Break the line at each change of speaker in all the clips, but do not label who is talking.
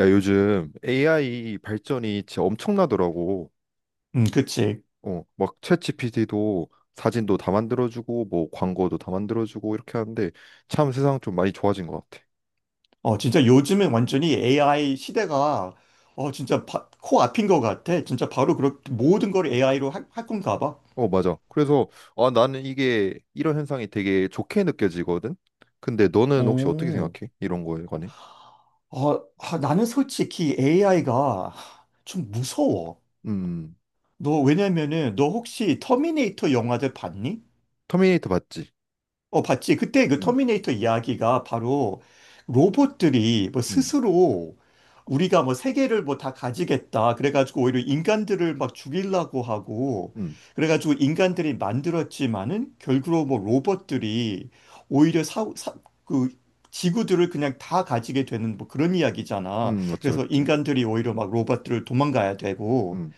야, 요즘 AI 발전이 진짜 엄청나더라고.
그치.
어, 막 챗GPT도 사진도 다 만들어주고, 뭐 광고도 다 만들어주고 이렇게 하는데 참 세상 좀 많이 좋아진 것 같아.
어, 진짜 요즘은 완전히 AI 시대가, 어, 진짜 코앞인 것 같아. 진짜 바로 모든 걸 AI로 할 건가 봐.
어, 맞아. 그래서 아, 나는 이게 이런 현상이 되게 좋게 느껴지거든. 근데 너는 혹시 어떻게
오.
생각해? 이런 거에 관해?
어, 아, 나는 솔직히
음.
AI가 좀 무서워.
음.
왜냐면은, 너 혹시 터미네이터 영화들 봤니?
터미네이터 봤지?
어, 봤지. 그때 그
음.
터미네이터 이야기가 바로 로봇들이 뭐
음.
스스로 우리가 뭐 세계를 뭐 다 가지겠다. 그래가지고 오히려 인간들을 막 죽이려고 하고,
음.
그래가지고 인간들이 만들었지만은 결국로뭐 로봇들이 오히려 그 지구들을 그냥 다 가지게 되는 뭐 그런 이야기잖아.
음. 맞지,
그래서
맞지.
인간들이 오히려 막 로봇들을 도망가야 되고,
음.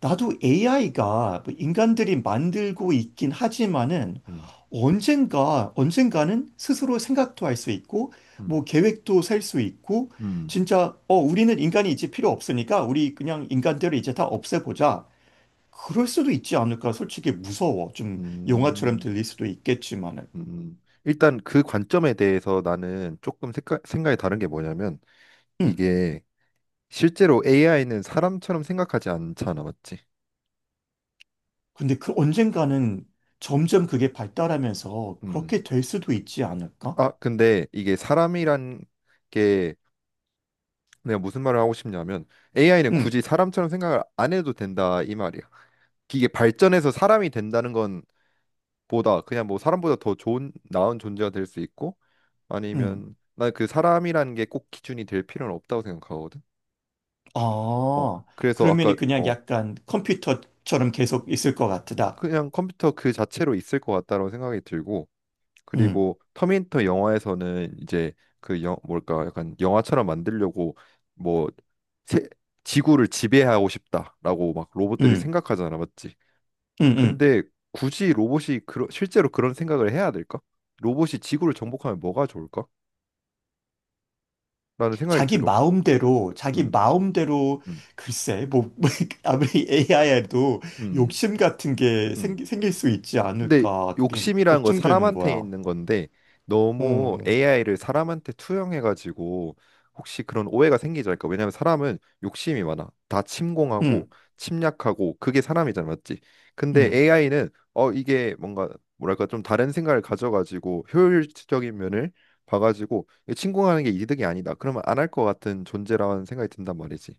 나도 AI가 인간들이 만들고 있긴 하지만은
음.
언젠가는 스스로 생각도 할 수 있고,
음.
뭐 계획도 셀 수 있고,
음.
진짜, 어, 우리는 인간이 이제 필요 없으니까 우리 그냥 인간들을 이제 다 없애보자. 그럴 수도 있지 않을까? 솔직히 무서워. 좀 영화처럼
음.
들릴 수도 있겠지만은.
음. 일단 그 관점에 대해서 나는 조금 생각이 다른 게 뭐냐면
음.
이게 실제로 AI는 사람처럼 생각하지 않잖아, 맞지?
근데 그 언젠가는 점점 그게 발달하면서
음.
그렇게 될 수도 있지 않을까?
아, 근데 이게 사람이란 게 내가 무슨 말을 하고 싶냐면 AI는
응
굳이 사람처럼 생각을 안 해도 된다 이 말이야. 이게 발전해서 사람이 된다는 건 보다 그냥 뭐 사람보다 더 좋은 나은 존재가 될 수 있고
응
아니면 난 그 사람이라는 게 꼭 기준이 될 필요는 없다고 생각하거든. 어,
아,
그래서 아까
그러면은 그냥
어,
약간 컴퓨터처럼 계속 있을 것 같다.
그냥 컴퓨터 그 자체로 있을 것 같다라고 생각이 들고
음,
그리고 터미네이터 영화에서는 이제 그 뭘까 약간 영화처럼 만들려고 뭐 세, 지구를 지배하고 싶다라고 막 로봇들이
음,
생각하잖아 맞지?
음, 음.
근데 굳이 로봇이 실제로 그런 생각을 해야 될까? 로봇이 지구를 정복하면 뭐가 좋을까? 라는 생각이
자기
들어.
마음대로, 자기
음.
마음대로.
음.
글쎄, 뭐, 뭐, 아무리 AI에도
음.
욕심 같은 게
음.
생길 수 있지
근데
않을까? 그게
욕심이라는 건
걱정되는
사람한테
거야.
있는 건데 너무
어,
AI를 사람한테 투영해가지고 혹시 그런 오해가 생기지 않을까? 왜냐하면 사람은 욕심이 많아. 다 침공하고
음,
침략하고 그게 사람이잖아, 맞지? 근데
음.
AI는 어 이게 뭔가 뭐랄까 좀 다른 생각을 가져가지고 효율적인 면을 봐가지고 침공하는 게 이득이 아니다. 그러면 안 할 것 같은 존재라는 생각이 든단 말이지.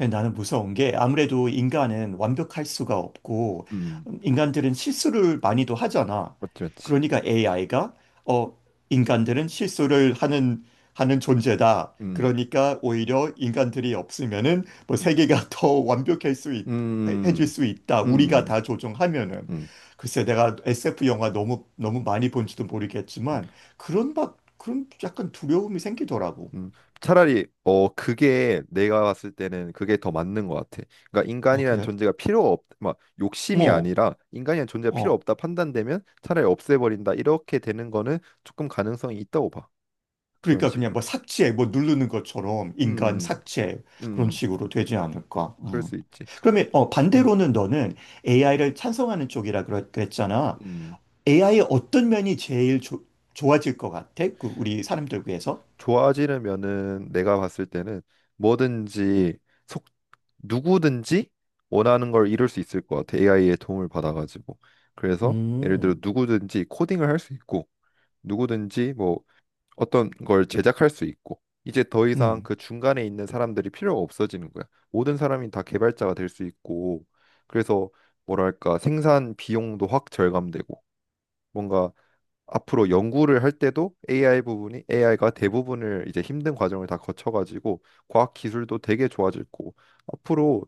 예, 나는 무서운 게 아무래도 인간은 완벽할 수가 없고
음,
인간들은 실수를 많이도 하잖아.
맞지, 맞지.
그러니까 AI가 어 인간들은 실수를 하는 존재다.
음.
그러니까 오히려 인간들이 없으면은 뭐
음.
세계가 더 완벽할 수 있, 해줄
음.
수 있다.
음.
우리가
음.
다 조종하면은
음.
글쎄 내가 SF 영화 너무 너무 많이 본지도 모르겠지만 그런 막 그런 약간 두려움이 생기더라고.
음. 차라리 어 그게 내가 봤을 때는 그게 더 맞는 것 같아. 그러니까
어,
인간이란
그래?
존재가 필요 없, 막 욕심이
어.
아니라 인간이란 존재가 필요
어.
없다 판단되면 차라리 없애버린다 이렇게 되는 거는 조금 가능성이 있다고 봐. 그런
그러니까 그냥
식으로.
뭐 삭제, 뭐 누르는 것처럼 인간
음. 음.
삭제 그런
음.
식으로 되지 않을까?
그럴
음.
수 있지.
그러면 어, 반대로는 너는 AI를 찬성하는 쪽이라 그랬잖아.
음.
AI의 어떤 면이 제일 좋아질 것 같아? 그 우리 사람들 위해서?
좋아지려면은 내가 봤을 때는 뭐든지 속 누구든지 원하는 걸 이룰 수 있을 것 같아. AI의 도움을 받아가지고. 그래서 예를 들어
음.
누구든지 코딩을 할 수 있고. 누구든지 뭐 어떤 걸 제작할 수 있고 이제 더 이상
음.
그 중간에 있는 사람들이 필요가 없어지는 거야. 모든 사람이 다 개발자가 될 수 있고 그래서 뭐랄까 생산 비용도 확 절감되고 뭔가 앞으로 연구를 할 때도 AI 부분이 AI가 대부분을 이제 힘든 과정을 다 거쳐가지고 과학 기술도 되게 좋아질 거고 앞으로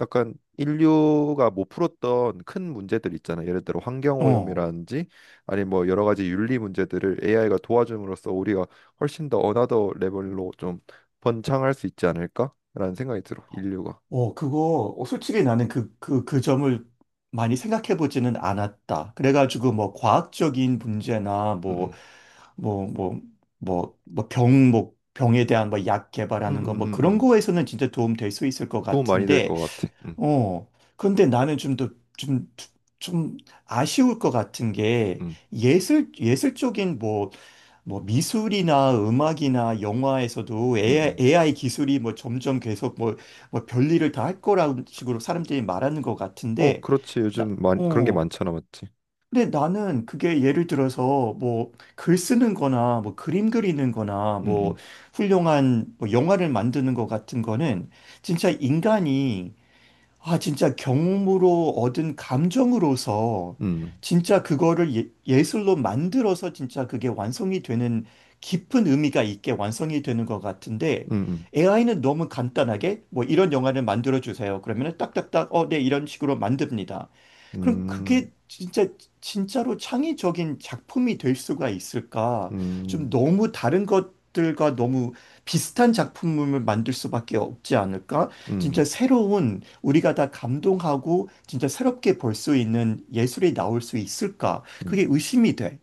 약간 인류가 못 풀었던 큰 문제들 있잖아요. 예를 들어
어.
환경오염이라든지 아니 뭐 여러 가지 윤리 문제들을 AI가 도와줌으로써 우리가 훨씬 더 어나더 레벨로 좀 번창할 수 있지 않을까라는 생각이 들어. 인류가.
어, 그거, 어, 솔직히 나는 그 점을 많이 생각해보지는 않았다. 그래가지고, 뭐, 과학적인 문제나,
음.
뭐, 뭐, 뭐, 병에 대한 뭐, 약
음.
개발하는
음.
거, 뭐,
음. 음.
그런
음.
거에서는 진짜 도움 될 수 있을 것
도움 많이 될
같은데,
것 같아. 음.
어, 근데 나는 좀 더, 좀, 좀 아쉬울 것 같은 게,
음.
예술적인 뭐 미술이나 음악이나 영화에서도
음. 음.
AI, 기술이 뭐 점점 계속 뭐 별일을 다 할 거라는 식으로 사람들이 말하는 것
어,
같은데,
그렇지. 요즘 많, 그런 게
어,
많잖아, 맞지?
근데 나는 그게 예를 들어서 뭐 글 쓰는 거나 뭐 그림 그리는 거나 뭐
음.
훌륭한 뭐 영화를 만드는 것 같은 거는 진짜 인간이 아, 진짜 경험으로 얻은 감정으로서
음.
진짜 그거를 예술로 만들어서 진짜 그게 완성이 되는 깊은 의미가 있게 완성이 되는 것 같은데
음.
AI는 너무 간단하게 뭐 이런 영화를 만들어 주세요. 그러면은 딱딱딱 어, 네, 이런 식으로 만듭니다.
음.
그럼
음.
그게 진짜 진짜로 창의적인 작품이 될 수가 있을까?
음.
좀
음.
너무 다른 것들과 너무 비슷한 작품을 만들 수밖에 없지 않을까? 진짜
음.
새로운 우리가 다 감동하고 진짜 새롭게 볼 수 있는 예술이 나올 수 있을까?
음.
그게 의심이 돼.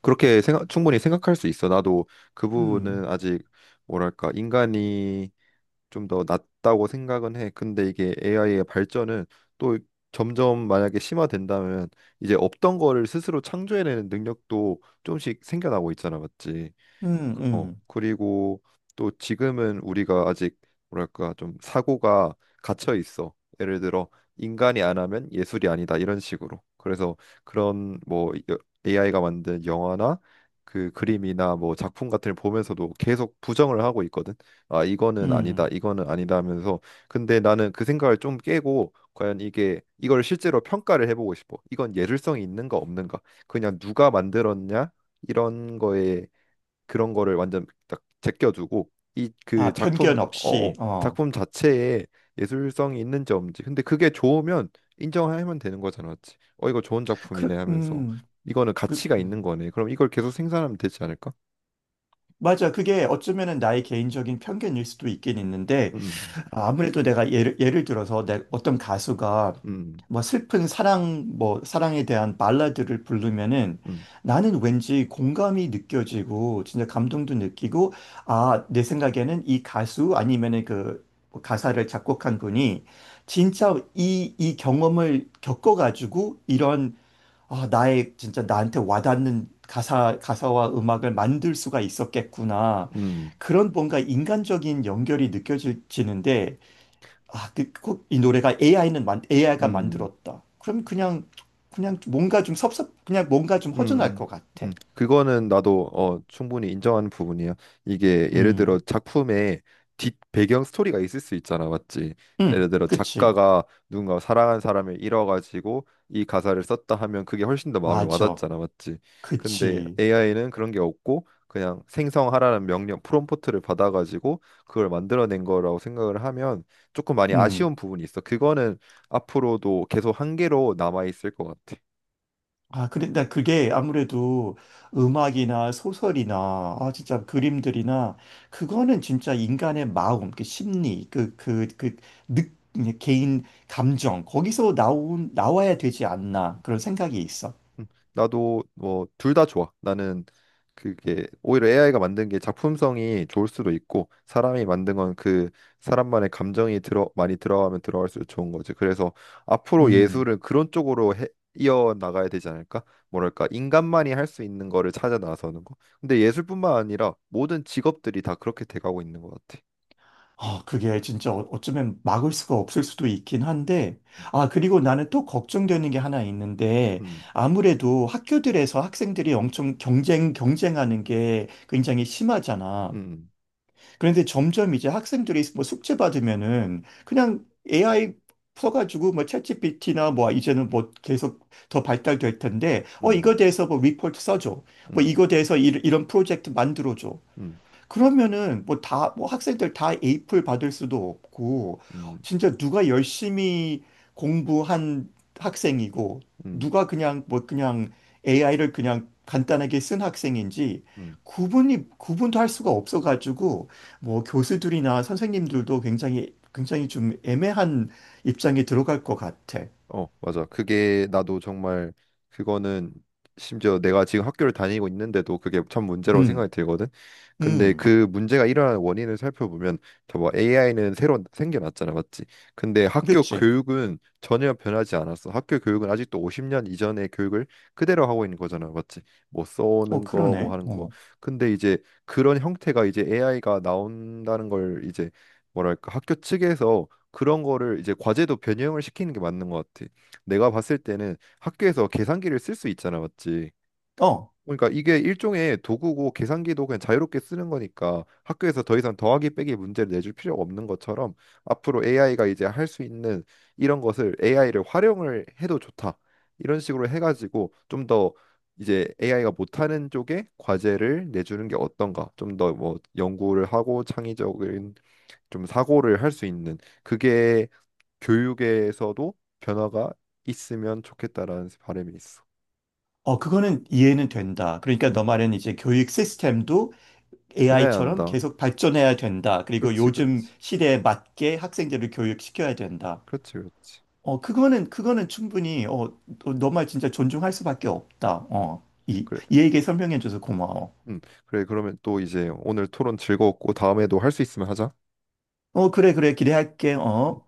그렇게 생각, 충분히 생각할 수 있어. 나도 그
음,
부분은 아직 뭐랄까 인간이 좀 더 낫다고 생각은 해. 근데 이게 AI의 발전은 또 점점 만약에 심화된다면 이제 없던 거를 스스로 창조해내는 능력도 조금씩 생겨나고 있잖아, 맞지?
음,
어,
음,
그리고 또 지금은 우리가 아직 뭐랄까 좀 사고가 갇혀 있어. 예를 들어 인간이 안 하면 예술이 아니다 이런 식으로. 그래서 그런 뭐 AI가 만든 영화나 그 그림이나 뭐 작품 같은 걸 보면서도 계속 부정을 하고 있거든. 아, 이거는 아니다.
음.
이거는 아니다 하면서 근데 나는 그 생각을 좀 깨고 과연 이게 이걸 실제로 평가를 해보고 싶어. 이건 예술성이 있는가 없는가. 그냥 누가 만들었냐? 이런 거에 그런 거를 완전 딱 제껴두고 이 그
아,
작품
편견
어,
없이,
어
어.
작품 자체에 예술성이 있는지 없는지 근데 그게 좋으면 인정하면 되는 거잖아 맞지? 어 이거 좋은 작품이네
그,
하면서 이거는
그,
가치가 있는 거네 그럼 이걸 계속 생산하면 되지 않을까?
맞아. 그게 어쩌면은 나의 개인적인 편견일 수도 있긴 있는데,
음.
아무래도 내가 예를 들어서 내 어떤 가수가
음.
뭐 슬픈 사랑, 뭐 사랑에 대한 발라드를 부르면은
음.
나는 왠지 공감이 느껴지고 진짜 감동도 느끼고 아, 내 생각에는 이 가수 아니면은 그 뭐 가사를 작곡한 분이 진짜 이 경험을 겪어가지고 이런 아, 나의 진짜 나한테 와닿는 가사와 음악을 만들 수가 있었겠구나.
음.
그런 뭔가 인간적인 연결이 느껴지는데 아, 이 노래가 AI가
음.
만들었다. 그럼 그냥 뭔가 그냥 뭔가 좀 허전할
음.
것
음.
같아.
음. 그거는 나도 어, 충분히 인정하는 부분이야. 이게 예를 들어
음,
작품에 뒷 배경 스토리가 있을 수 있잖아, 맞지? 예를 들어
그치.
작가가 누군가 사랑한 사람을 잃어가지고 이 가사를 썼다 하면 그게 훨씬 더 마음에
맞아.
와닿잖아, 맞지? 근데
그치.
AI는 그런 게 없고 그냥 생성하라는 명령 프롬프트를 받아가지고 그걸 만들어낸 거라고 생각을 하면 조금 많이
음.
아쉬운 부분이 있어. 그거는 앞으로도 계속 한계로 남아 있을 것 같아.
아, 그래, 나 그게 아무래도 음악이나 소설이나, 아, 진짜 그림들이나, 그거는 진짜 인간의 마음, 그 심리, 느, 개인 감정, 거기서 나와야 되지 않나, 그런 생각이 있어.
음. 나도 뭐 둘 다 좋아. 나는 그게 오히려 AI가 만든 게 작품성이 좋을 수도 있고 사람이 만든 건 그 사람만의 감정이 들어 많이 들어가면 들어갈수록 좋은 거지. 그래서 앞으로
음.
예술은 그런 쪽으로 해, 이어 나가야 되지 않을까? 뭐랄까 인간만이 할 수 있는 거를 찾아 나서는 거. 근데 예술뿐만 아니라 모든 직업들이 다 그렇게 돼가고 있는 것 같아.
아, 그게 진짜 어쩌면 막을 수가 없을 수도 있긴 한데, 아, 그리고 나는 또 걱정되는 게 하나 있는데,
음.
아무래도 학교들에서 학생들이 엄청 경쟁하는 게 굉장히 심하잖아.
음.
그런데 점점 이제 학생들이 뭐 숙제 받으면은 그냥 AI 써가지고 뭐 챗GPT나 뭐 이제는 뭐 계속 더 발달될 텐데, 어,
음.
이거 대해서 뭐 리포트 써줘. 뭐
음.
이거 대해서 이런 프로젝트 만들어줘.
음.
그러면은 뭐 다 뭐 학생들 다 에이플 받을 수도 없고
음.
진짜 누가 열심히 공부한 학생이고
음.
누가 그냥 뭐 그냥 AI를 그냥 간단하게 쓴 학생인지
음.
구분이 구분도 할 수가 없어가지고 뭐 교수들이나 선생님들도 굉장히 굉장히 좀 애매한 입장에 들어갈 것 같아.
어, 맞아. 그게 나도 정말 그거는 심지어 내가 지금 학교를 다니고 있는데도 그게 참 문제라고 생각이
음,
들거든. 근데
음,
그 문제가 일어나는 원인을 살펴보면 저뭐 AI는 새로 생겨났잖아, 맞지? 근데 학교
그렇지.
교육은 전혀 변하지 않았어. 학교 교육은 아직도 50년 이전의 교육을 그대로 하고 있는 거잖아, 맞지? 뭐
어,
써오는 거, 뭐
그러네.
하는 거.
어,
근데 이제 그런 형태가 이제 AI가 나온다는 걸 이제 뭐랄까 학교 측에서 그런 거를 이제 과제도 변형을 시키는 게 맞는 것 같아. 내가 봤을 때는 학교에서 계산기를 쓸 수 있잖아, 맞지?
어,
그러니까 이게 일종의 도구고 계산기도 그냥 자유롭게 쓰는 거니까 학교에서 더 이상 더하기 빼기 문제를 내줄 필요가 없는 것처럼 앞으로 AI가 이제 할 수 있는 이런 것을 AI를 활용을 해도 좋다. 이런 식으로 해가지고 좀 더 이제 AI가 못하는 쪽에 과제를 내주는 게 어떤가? 좀 더 뭐 연구를 하고 창의적인 좀 사고를 할 수 있는 그게 교육에서도 변화가 있으면 좋겠다라는 바람이 있어.
어, 그거는 이해는 된다. 그러니까 너 말은 이제 교육 시스템도
변해야
AI처럼
한다.
계속 발전해야 된다. 그리고
그렇지,
요즘
그렇지,
시대에 맞게 학생들을 교육시켜야 된다.
그렇지, 그렇지.
어, 그거는 충분히, 어, 너 말 진짜 존중할 수밖에 없다. 어,
그래,
이 얘기 설명해줘서 고마워.
음, 그래. 그러면 또 이제 오늘 토론 즐거웠고 다음에도 할 수 있으면 하자.
어, 그래, 그래, 기대할게. 어.